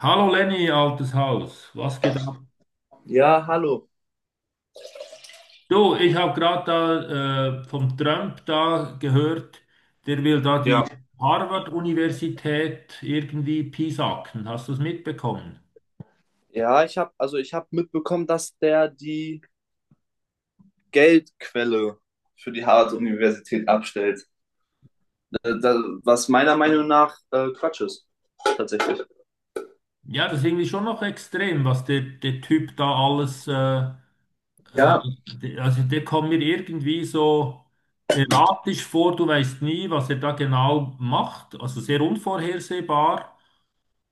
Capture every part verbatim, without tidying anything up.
Hallo Lenny, altes Haus, was geht ab? Ja, hallo. Du, ich habe gerade da äh, vom Trump da gehört, der will da Ja, die Harvard-Universität irgendwie piesacken. Hast du es mitbekommen? Ja, ich habe also ich habe mitbekommen, dass der die Geldquelle für die Harvard-Universität abstellt. Äh, da- Was meiner Meinung nach äh, Quatsch ist, tatsächlich. Ja, das ist irgendwie schon noch extrem, was der, der Typ da alles, äh, äh, Ja, der- also der kommt mir irgendwie so erratisch vor, du weißt nie, was er da genau macht, also sehr unvorhersehbar.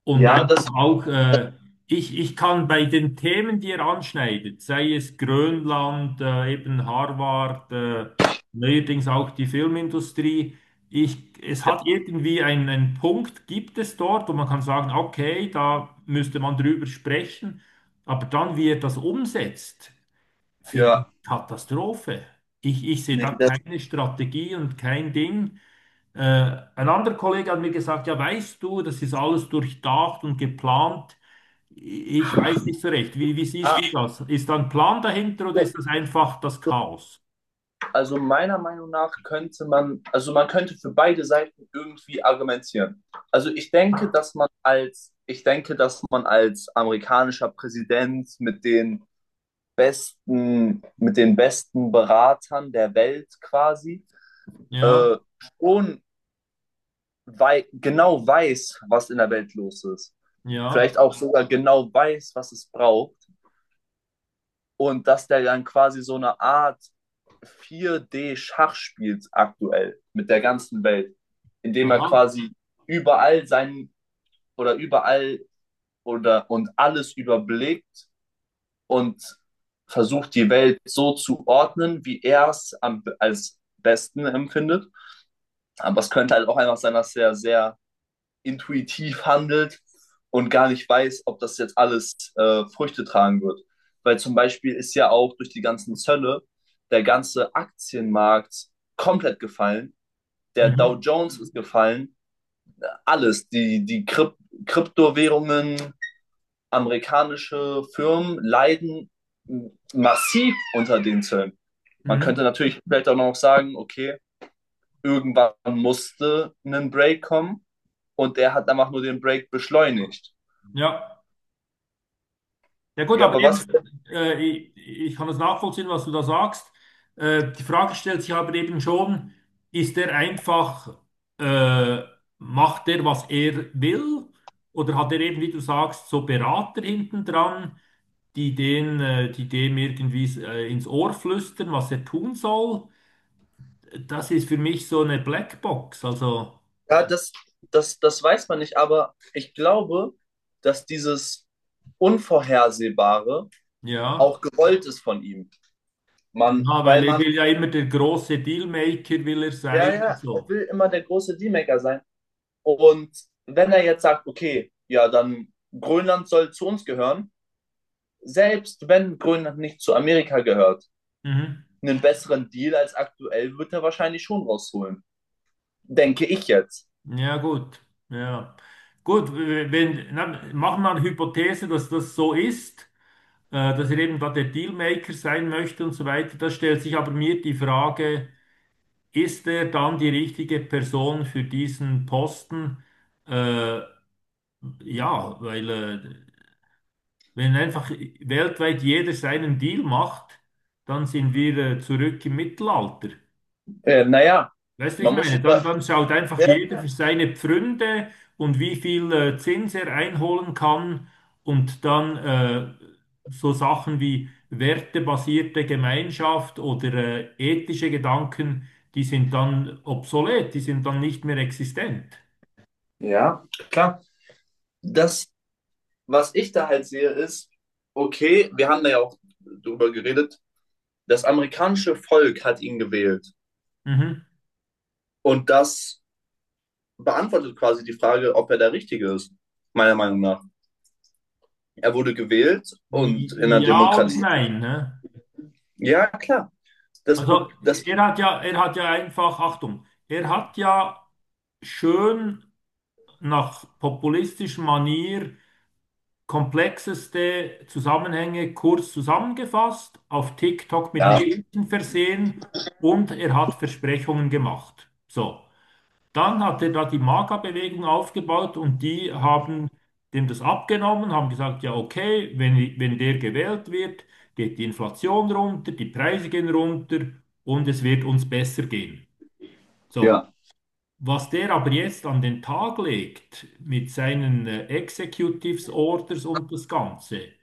Und ja, einfach das, auch, äh, ich, ich kann bei den Themen, die er anschneidet, sei es Grönland, äh, eben Harvard, äh, neuerdings auch die Filmindustrie, ich, es ja, hat irgendwie einen, einen Punkt, gibt es dort, wo man kann sagen, okay, da müsste man drüber sprechen, aber dann, wie er das umsetzt, finde ich ja, Katastrophe. Ich, ich sehe nee, da das, keine Strategie und kein Ding. Äh, ein anderer Kollege hat mir gesagt, ja, weißt du, das ist alles durchdacht und geplant. Ich weiß nicht so recht. Wie, wie siehst du ah, das? Ist da ein Plan dahinter oder ist das einfach das Chaos? also meiner Meinung nach könnte man, also man könnte für beide Seiten irgendwie argumentieren. Also ich denke, dass man als, ich denke, dass man als amerikanischer Präsident mit den besten, mit den besten Beratern der Welt quasi, äh, Ja, schon wei genau weiß, was in der Welt los ist. ja, Vielleicht auch sogar genau weiß, was es braucht. Und dass der dann quasi so eine Art vier D-Schach spielt aktuell mit der ganzen Welt, indem er aha, quasi überall sein oder überall oder und alles überblickt und versucht die Welt so zu ordnen, wie er es am- als besten empfindet. Aber es könnte halt auch einfach sein, dass er sehr intuitiv handelt und gar nicht weiß, ob das jetzt alles äh, Früchte tragen wird. Weil zum Beispiel ist ja auch durch die ganzen Zölle der ganze Aktienmarkt komplett gefallen. Der Dow mhm, Jones ist gefallen. Alles, die, die Kryp Kryptowährungen, amerikanische Firmen leiden massiv unter den Zöllen. Man könnte mhm, natürlich vielleicht auch noch sagen, okay, irgendwann musste ein Break kommen und er hat einfach nur den Break beschleunigt. ja. Ja gut, Ja, aber aber was, eben, äh, ich, ich kann das nachvollziehen, was du da sagst. Äh, die Frage stellt sich aber eben schon, ist er einfach, äh, macht er, was er will? Oder hat er eben, wie du sagst, so Berater hinten dran, die den, äh, die dem irgendwie äh, ins Ohr flüstern, was er tun soll? Das ist für mich so eine Blackbox. Also, ja, das, das, das weiß man nicht, aber ich glaube, dass dieses Unvorhersehbare ja, auch gewollt ist von ihm. Man, ja, weil weil er man, will ja immer der große Dealmaker, will er ja, sein und ja, er so. will immer der große D-Maker sein. Und wenn er jetzt sagt, okay, ja, dann Grönland soll zu uns gehören, selbst wenn Grönland nicht zu Amerika gehört, Mhm. einen besseren Deal als aktuell wird er wahrscheinlich schon rausholen. Denke ich jetzt. Ja, gut. Ja. Gut, wenn, na, machen wir eine Hypothese, dass das so ist, äh, dass er eben da der Dealmaker sein möchte und so weiter. Da stellt sich aber mir die Frage, ist er dann die richtige Person für diesen Posten? Äh, ja, weil äh, wenn einfach weltweit jeder seinen Deal macht, dann sind wir äh, zurück im Mittelalter. Äh, naja, Weißt du, wie ich man muss meine, es dann, ja, dann schaut einfach jeder ja. für seine Pfründe und wie viel äh, Zins er einholen kann und dann äh, so Sachen wie wertebasierte Gemeinschaft oder äh, ethische Gedanken, die sind dann obsolet, die sind dann nicht mehr existent. Ja, klar. Das, was ich da halt sehe, ist, okay, wir haben da ja auch drüber geredet, das amerikanische Volk hat ihn gewählt. Mhm. Und das beantwortet quasi die Frage, ob er der Richtige ist, meiner Meinung nach. Er wurde gewählt und in einer Ja und Demokratie. nein. Ne? Ja, klar. Das, Also Problem, das, er hat ja, er hat ja einfach, Achtung, er hat ja schön nach populistischer Manier komplexeste Zusammenhänge kurz zusammengefasst, auf TikTok mit ja, einem Bildchen versehen und er hat Versprechungen gemacht. So, dann hat er da die Maga-Bewegung aufgebaut und die haben dem das abgenommen, haben gesagt, ja okay, wenn, wenn der gewählt wird, geht die Inflation runter, die Preise gehen runter und es wird uns besser gehen. So. ja. Was der aber jetzt an den Tag legt mit seinen äh, Executives Orders und das Ganze,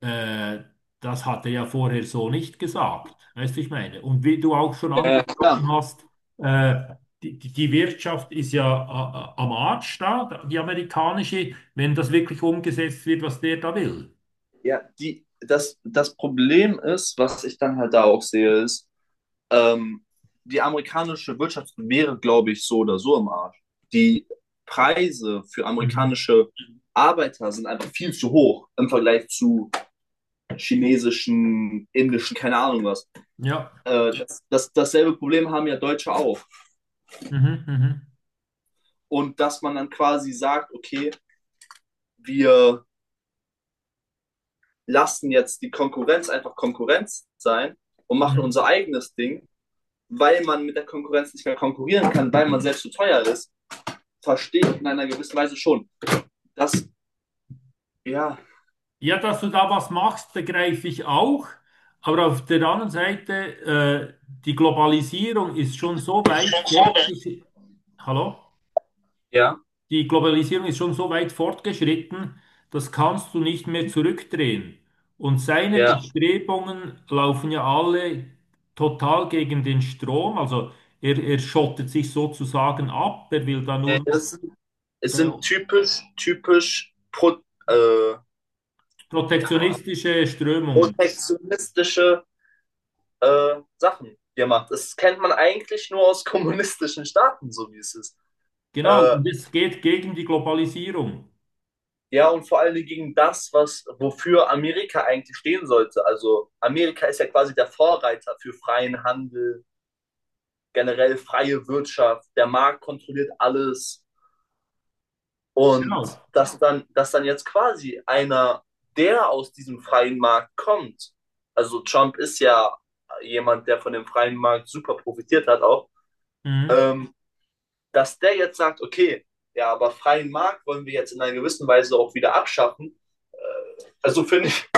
äh, das hat er ja vorher so nicht gesagt, weißt du, ich meine. Und wie du auch schon Ja, klar. angesprochen hast, äh, die, die die Wirtschaft ist ja a- a- am Arsch da, die amerikanische, wenn das wirklich umgesetzt wird, was der da will. Ja, die, das, das Problem ist, was ich dann halt da auch sehe, ist, ähm, die amerikanische Wirtschaft wäre, glaube ich, so oder so im Arsch. Die Preise für Mhm. amerikanische Arbeiter sind einfach viel zu hoch im Vergleich zu chinesischen, indischen, keine Ahnung was. Ja. Äh, das, das, dasselbe Problem haben ja Deutsche auch. Mhm, mhm, Und dass man dann quasi sagt, okay, wir lassen jetzt die Konkurrenz einfach Konkurrenz sein und machen unser mhm. eigenes Ding, weil man mit der Konkurrenz nicht mehr konkurrieren kann, weil man selbst zu teuer ist, verstehe ich in einer gewissen Weise schon. Das, ja. Ja, dass du da was machst, begreife ich auch. Aber auf der anderen Seite, äh, die Globalisierung ist schon so weit fortgeschritten. Hallo? Ja, Die Globalisierung ist schon so weit fortgeschritten, das kannst du nicht mehr zurückdrehen. Und seine ja. Bestrebungen laufen ja alle total gegen den Strom. Also er, er schottet sich sozusagen ab, er will da nur Äh, noch Das sind, es sind äh, typisch, typisch pro, äh, ja, protektionistische Strömungen. protektionistische äh, Sachen, die er macht. Das kennt man eigentlich nur aus kommunistischen Staaten, so wie es ist. Genau, Äh, und es geht gegen die Globalisierung. Ja, und vor allen Dingen gegen das, was, wofür Amerika eigentlich stehen sollte. Also Amerika ist ja quasi der Vorreiter für freien Handel, generell freie Wirtschaft, der Markt kontrolliert alles. Und Genau. dass dann, dass dann jetzt quasi einer, der aus diesem freien Markt kommt, also Trump ist ja jemand, der von dem freien Markt super profitiert hat auch, Mhm. ähm, dass der jetzt sagt, okay, ja, aber freien Markt wollen wir jetzt in einer gewissen Weise auch wieder abschaffen. Äh, also finde ich,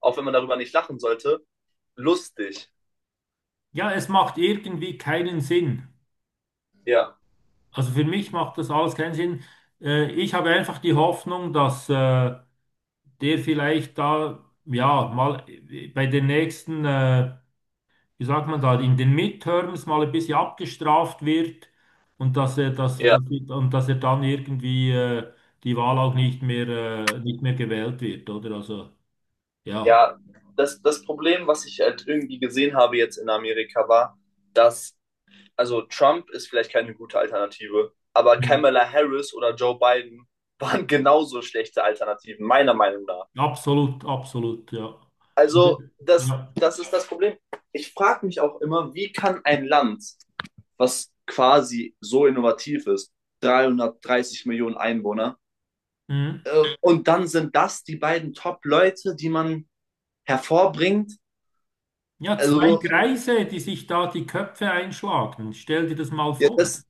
auch wenn man darüber nicht lachen sollte, lustig. Ja, es macht irgendwie keinen Sinn. Ja, Also für mich macht das alles keinen Sinn. Äh, ich habe einfach die Hoffnung, dass... Äh, der vielleicht da, ja, mal bei den nächsten, äh, wie sagt man da, in den Midterms mal ein bisschen abgestraft wird und dass er, dass, ja, dass, und dass er dann irgendwie äh, die Wahl auch nicht mehr, äh, nicht mehr gewählt wird, oder? Also, ja, ja. Das, das Problem, was ich halt irgendwie gesehen habe jetzt in Amerika, war, dass, also Trump ist vielleicht keine gute Alternative, aber Mhm. Kamala Harris oder Joe Biden waren genauso schlechte Alternativen, meiner Meinung nach. absolut, absolut, ja. Also, Also, das, ja. das ist das Problem. Ich frage mich auch immer, wie kann ein Land, was quasi so innovativ ist, dreihundertdreißig Millionen Einwohner, Mhm. Äh, und dann sind das die beiden Top-Leute, die man hervorbringt. Ja, zwei Also, Greise, die sich da die Köpfe einschlagen. Stell dir das mal ja, vor. das,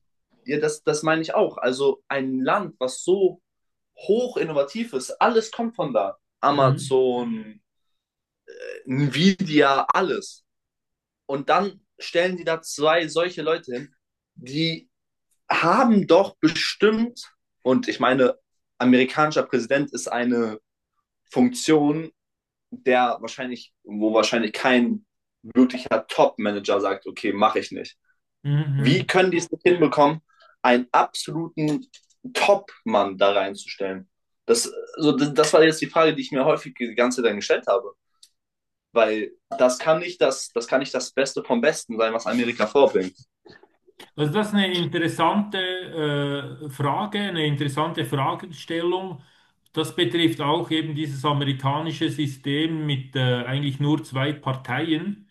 ja, das, das meine ich auch. Also, ein Land, was so hoch innovativ ist, alles kommt von da. Mhm. Amazon, Nvidia, alles. Und dann stellen die da zwei solche Leute hin, die haben doch bestimmt, und ich meine, amerikanischer Präsident ist eine Funktion, der wahrscheinlich, wo wahrscheinlich kein wirklicher Top-Manager sagt, okay, mache ich nicht. Mhm. Wie mhm. können die es nicht hinbekommen, einen absoluten Top-Mann da reinzustellen? Das, so, das war jetzt die Frage, die ich mir häufig die ganze Zeit dann gestellt habe. Weil das kann nicht das, das kann nicht das Beste vom Besten sein, was Amerika vorbringt. Also das ist eine interessante äh, Frage, eine interessante Fragestellung. Das betrifft auch eben dieses amerikanische System mit äh, eigentlich nur zwei Parteien.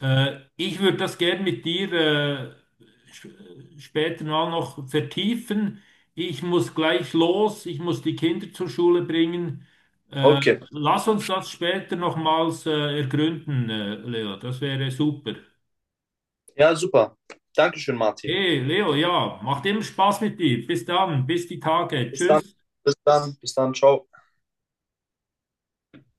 Äh, ich würde das gern mit dir äh, sp- später mal noch vertiefen. Ich muss gleich los, ich muss die Kinder zur Schule bringen. Äh, Okay. lass uns das später nochmals äh, ergründen, äh, Leo. Das wäre super. Ja, super. Dankeschön, Martin. Hey, Leo, ja, macht immer Spaß mit dir. Bis dann, bis die Tage. Bis dann. Tschüss. Bis dann. Bis dann. Ciao.